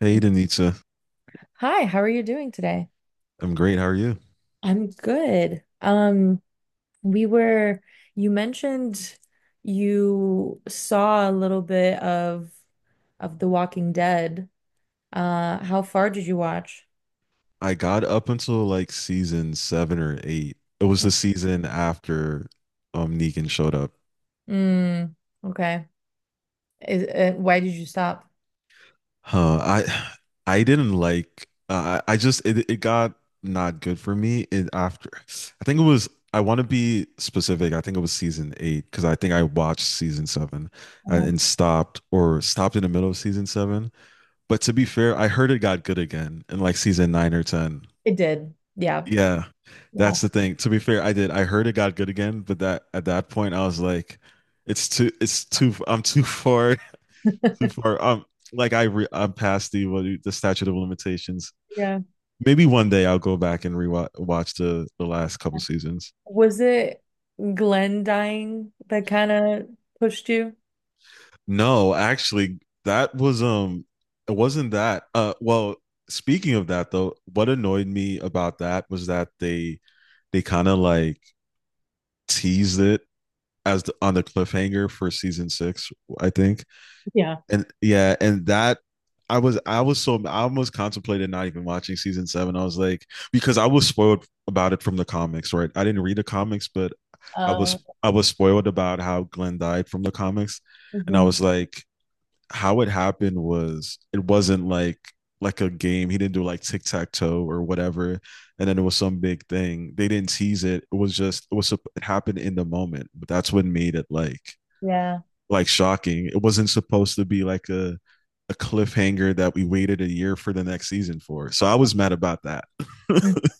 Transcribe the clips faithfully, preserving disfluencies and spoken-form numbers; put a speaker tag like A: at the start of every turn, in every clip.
A: Hey, Danitza.
B: Hi, how are you doing today?
A: I'm great. How are you?
B: I'm good. Um, we were, you mentioned you saw a little bit of of The Walking Dead. Uh, how far did you watch?
A: I got up until like season seven or eight. It was
B: Mm,
A: the season after um Negan showed up.
B: mm, okay. Is, uh, why did you stop?
A: Huh. I I didn't like uh, I I just it, it got not good for me in after I think it was I want to be specific. I think it was season eight because I think I watched season seven and,
B: Uh-huh.
A: and stopped or stopped in the middle of season seven. But to be fair, I heard it got good again in like season nine or ten.
B: It did. Yeah.
A: Yeah,
B: Yeah.
A: that's the thing. To be fair, I did. I heard it got good again, but that at that point, I was like, it's too, it's too, I'm too far, too far. Um, like I, re, I'm past the what you- the statute of limitations.
B: Yeah.
A: Maybe one day I'll go back and rewatch watch the the last couple seasons.
B: Was it Glenn dying that kind of pushed you?
A: No, actually, that was um, it wasn't that. Uh, well, speaking of that though, what annoyed me about that was that they they kind of like teased it as the, on the cliffhanger for season six, I think.
B: Yeah.
A: And yeah, and that I was I was so I almost contemplated not even watching season seven. I was like because I was spoiled about it from the comics, right? I didn't read the comics, but I was
B: Uh.
A: I was spoiled about how Glenn died from the comics, and I was
B: Mhm.
A: like, how it happened was it wasn't like like a game. He didn't do like tic tac toe or whatever, and then it was some big thing. They didn't tease it. It was just it was it happened in the moment, but that's what made it like
B: Yeah.
A: like shocking. It wasn't supposed to be like a a cliffhanger that we waited a year for the next season for. So I was mad about that.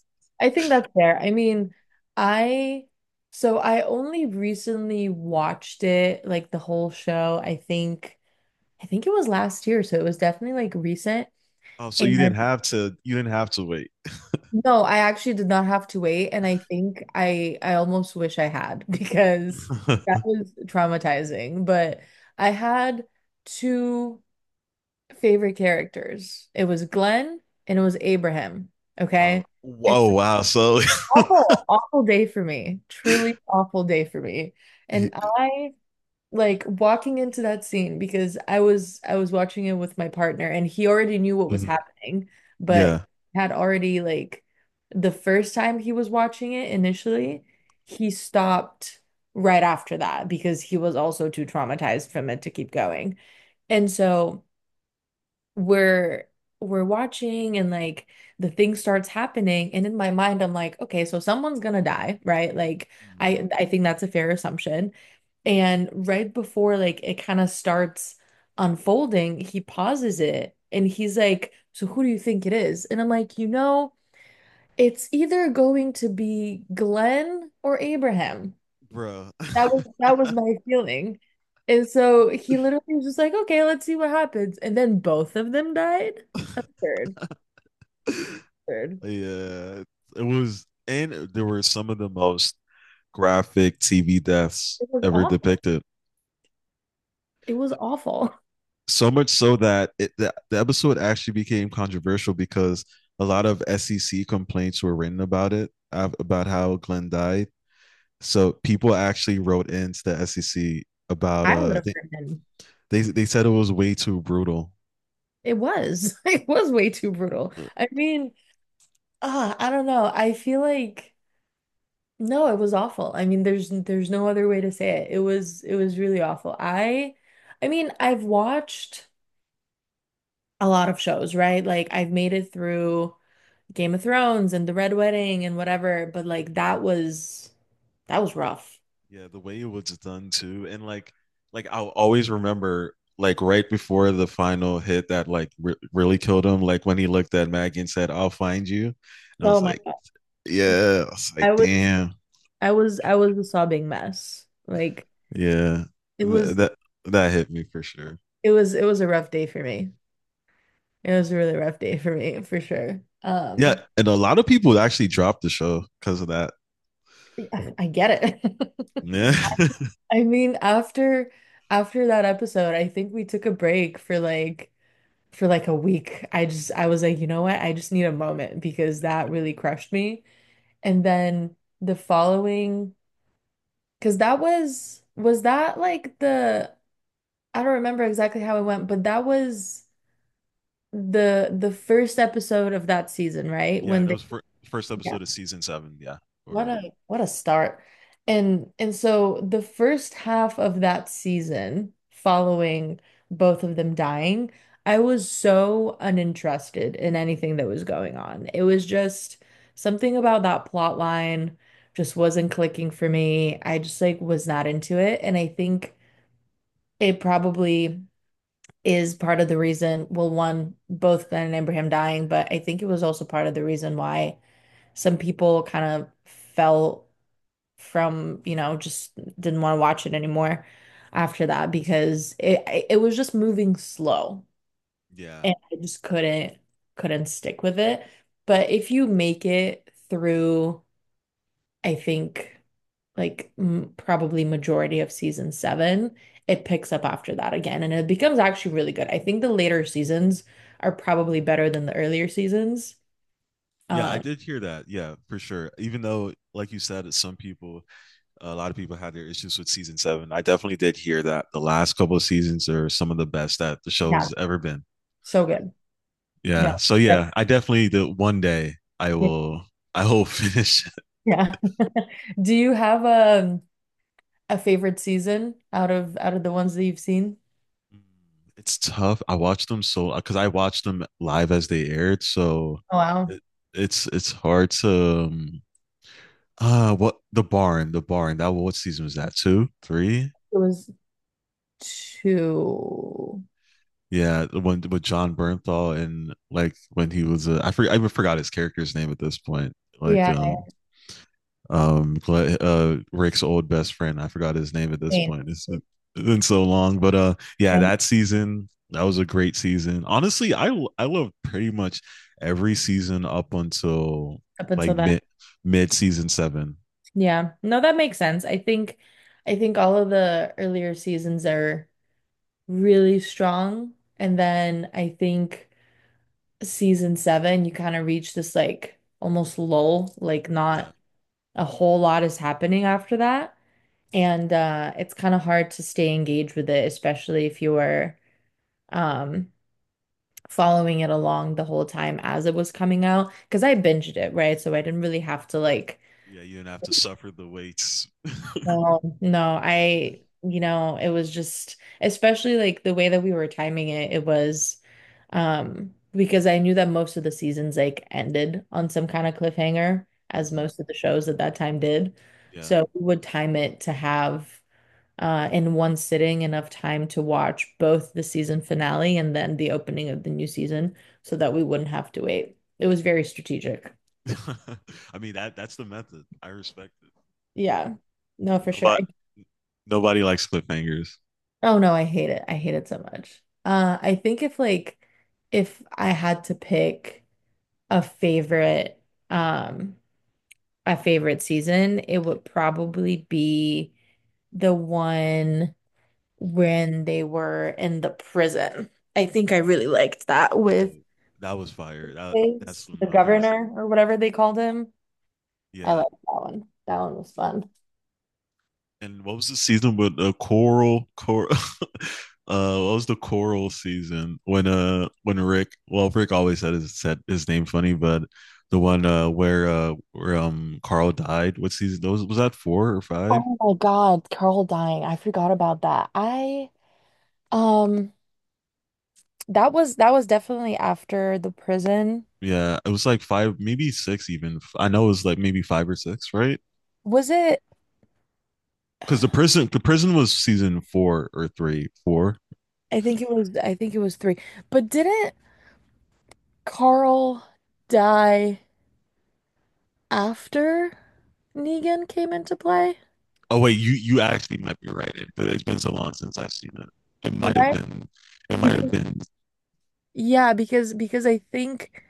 B: I think that's fair. I mean, I so I only recently watched it, like the whole show. I think I think it was last year, so it was definitely like recent.
A: Oh, so
B: And
A: you didn't have to. You didn't have to wait.
B: no, I actually did not have to wait, and I think I I almost wish I had because that was traumatizing. But I had two favorite characters. It was Glenn and it was Abraham.
A: uh,
B: Okay.
A: whoa! Wow. So,
B: Awful, awful day for me. Truly awful day for me. And
A: he-
B: I like walking into that scene because I was I was watching it with my partner and he already knew what was
A: mhm,
B: happening, but
A: yeah,
B: had already like the first time he was watching it initially, he stopped right after that because he was also too traumatized from it to keep going. And so we're we're watching and like the thing starts happening and in my mind I'm like, okay, so someone's gonna die, right? Like
A: mm-hmm.
B: I I think that's a fair assumption and right before like it kind of starts unfolding he pauses it and he's like, so who do you think it is? And I'm like, you know, it's either going to be Glenn or Abraham.
A: Bro.
B: that was that was my feeling. And so he literally was just like, okay, let's see what happens. And then both of them died. A third, third.
A: Yeah, it was, and there were some of the most graphic T V deaths
B: It was
A: ever
B: awful.
A: depicted.
B: It was awful.
A: So much so that it, the, the episode actually became controversial because a lot of S E C complaints were written about it, about how Glenn died. So people actually wrote into the S E C about
B: I would
A: uh,
B: have written.
A: They they said it was way too brutal.
B: It was. It was way too brutal. I mean, uh, I don't know. I feel like no, it was awful. I mean, there's there's no other way to say it. It was it was really awful. I I mean, I've watched a lot of shows, right? Like I've made it through Game of Thrones and the Red Wedding and whatever, but like that was that was rough.
A: Yeah, the way it was done too, and like like I'll always remember like right before the final hit that like re- really killed him. Like when he looked at Maggie and said, "I'll find you," and I was
B: Oh my
A: like,
B: God.
A: "Yeah," I was like,
B: I was
A: "Damn,
B: I was I was a sobbing mess. Like
A: yeah."
B: it
A: Th-
B: was
A: that that hit me for sure.
B: it was it was a rough day for me. It was a really rough day for me for sure.
A: Yeah,
B: Um
A: and a lot of people actually dropped the show because of that.
B: yeah, I get it.
A: Yeah,
B: I mean after after that episode, I think we took a break for like for like a week. I just I was like, you know what? I just need a moment because that really crushed me. And then the following Because that was, was that like the, I don't remember exactly how it went, but that was the the first episode of that season, right?
A: yeah,
B: When
A: that
B: they,
A: was fir- first
B: Yeah.
A: episode of season seven. Yeah,
B: What
A: or
B: a what a start. And and so the first half of that season following both of them dying, I was so uninterested in anything that was going on. It was just something about that plot line just wasn't clicking for me. I just like was not into it. And I think it probably is part of the reason, well, one, both Glenn and Abraham dying, but I think it was also part of the reason why some people kind of fell from, you know, just didn't want to watch it anymore after that because it it was just moving slow
A: yeah.
B: and I just couldn't couldn't stick with it. But if you make it through, I think like m probably majority of season seven. It picks up after that again, and it becomes actually really good. I think the later seasons are probably better than the earlier seasons.
A: Yeah, I
B: Um,
A: did hear that. Yeah, for sure. Even though, like you said, some people, a lot of people had their issues with season seven. I definitely did hear that the last couple of seasons are some of the best that the show
B: yeah,
A: has ever been.
B: so good.
A: Yeah.
B: No,
A: So
B: yeah,
A: yeah, I definitely the one day I
B: yeah.
A: will. I will finish it.
B: Yeah. Do you have a a favorite season out of out of the ones that you've seen?
A: It's tough. I watched them so because I watched them live as they aired, so
B: Oh, wow,
A: it, it's it's hard to. Um, uh what the barn the barn that what season was that, two, three?
B: it was two.
A: Yeah, the one with John Bernthal and like when he was a, I forget I even forgot his character's name at this point. Like
B: Yeah,
A: um um Gle- uh Rick's old best friend. I forgot his name at this
B: I
A: point. It's it's been so long, but uh yeah,
B: mean,
A: that season that was a great season. Honestly, I I love pretty much every season up until
B: up until
A: like
B: that.
A: mid mid season seven.
B: Yeah, no, that makes sense. I think I think all of the earlier seasons are really strong. And then I think season seven, you kind of reach this like almost lull, like
A: Yeah.
B: not a whole lot is happening after that. And uh, it's kind of hard to stay engaged with it, especially if you were um, following it along the whole time as it was coming out. Because I binged it, right? So I didn't really have to like
A: Yeah, you didn't have to suffer the waits.
B: no, no, I, you know, it was just, especially like the way that we were timing it, it was, um, because I knew that most of the seasons like ended on some kind of cliffhanger, as
A: Mhm.
B: most of the shows at that time did.
A: Yeah.
B: So we would time it to have, uh, in one sitting enough time to watch both the season finale and then the opening of the new season so that we wouldn't have to wait. It was very strategic.
A: I mean that that's the method. I respect it.
B: Yeah. No, for sure.
A: Nobody Nobody likes cliffhangers.
B: Oh no, I hate it. I hate it so much. Uh, I think if like if I had to pick a favorite um a favorite season, it would probably be the one when they were in the prison. I think I really liked that
A: Oh,
B: with
A: that was fire. That that's
B: Biggs,
A: one of
B: the
A: my favorite scenes.
B: governor or whatever they called him. I
A: Yeah.
B: liked that one. That one was fun.
A: And what was the season with the coral coral uh what was the coral season when uh when Rick well Rick always said his said his name funny, but the one uh where uh where um Carl died, what season those was that four or five?
B: Oh my God, Carl dying. I forgot about that. I um That was that was definitely after the prison.
A: Yeah, it was like five, maybe six even. I know it was like maybe five or six, right?
B: Was it?
A: Because the prison the prison was season four or three, four.
B: I think it was I think it was three. But didn't Carl die after Negan came into play?
A: Oh wait, you you actually might be right, but it's been so long since I've seen it. It might have
B: Right?
A: been. It might have
B: Because
A: been.
B: yeah, because because I think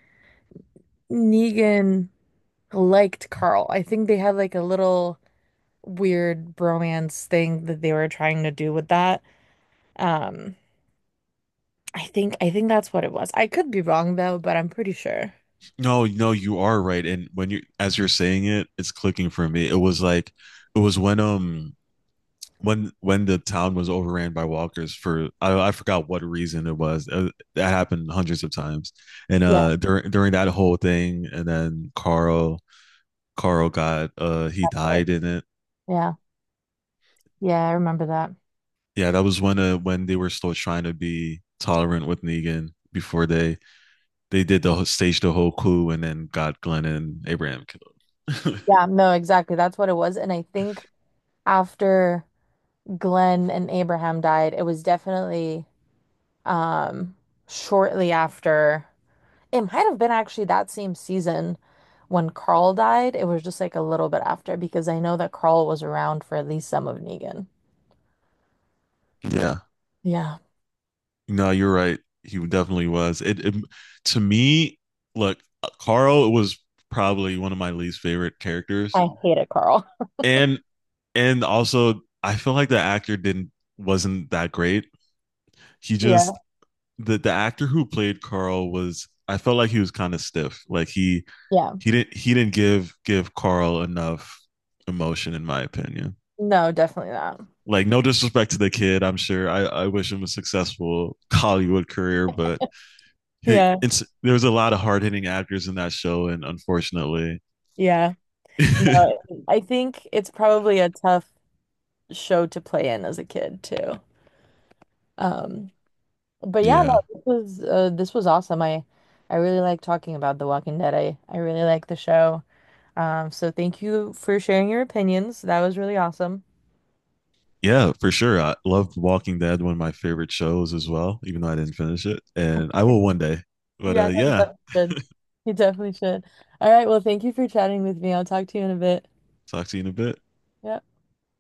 B: Negan liked Carl. I think they had like a little weird bromance thing that they were trying to do with that. Um, I think I think that's what it was. I could be wrong though, but I'm pretty sure.
A: No, no, you are right. And when you as you're saying it, it's clicking for me. It was like it was when um when when the town was overran by walkers for I, I forgot what reason it was. Uh, That happened hundreds of times. And
B: Yeah.
A: uh during during that whole thing, and then Carl Carl got uh he died in it.
B: Yeah. Yeah, I remember that.
A: Yeah, that was when uh when they were still trying to be tolerant with Negan before they they did the whole, staged the whole coup and then got Glenn and Abraham killed.
B: Yeah, no, exactly. That's what it was. And I think after Glenn and Abraham died, it was definitely um shortly after. It might have been actually that same season when Carl died. It was just like a little bit after because I know that Carl was around for at least some of Negan.
A: Yeah,
B: Yeah.
A: no, you're right. He definitely was. It, it to me, look, Carl was probably one of my least favorite characters,
B: I hated Carl.
A: and and also I feel like the actor didn't wasn't that great. He
B: Yeah.
A: just the the actor who played Carl was I felt like he was kind of stiff. Like he
B: Yeah.
A: he didn't he didn't give give Carl enough emotion in my opinion.
B: No, definitely not.
A: Like no disrespect to the kid, I'm sure i, I wish him a successful Hollywood career but he,
B: Yeah.
A: it's, there's a lot of hard-hitting actors in that show and unfortunately
B: Yeah. No, I think it's probably a tough show to play in as a kid too. Um But yeah, no,
A: yeah.
B: this was uh, this was awesome. I I really like talking about The Walking Dead. I I really like the show. Um, so thank you for sharing your opinions. That was really awesome.
A: Yeah, for sure, I loved Walking Dead, one of my favorite shows as well, even though I didn't finish it, and I will one day, but uh
B: Yeah, no, you
A: yeah,
B: definitely should. You definitely should. All right, well, thank you for chatting with me. I'll talk to you in a bit.
A: talk to you in a bit.
B: Yep.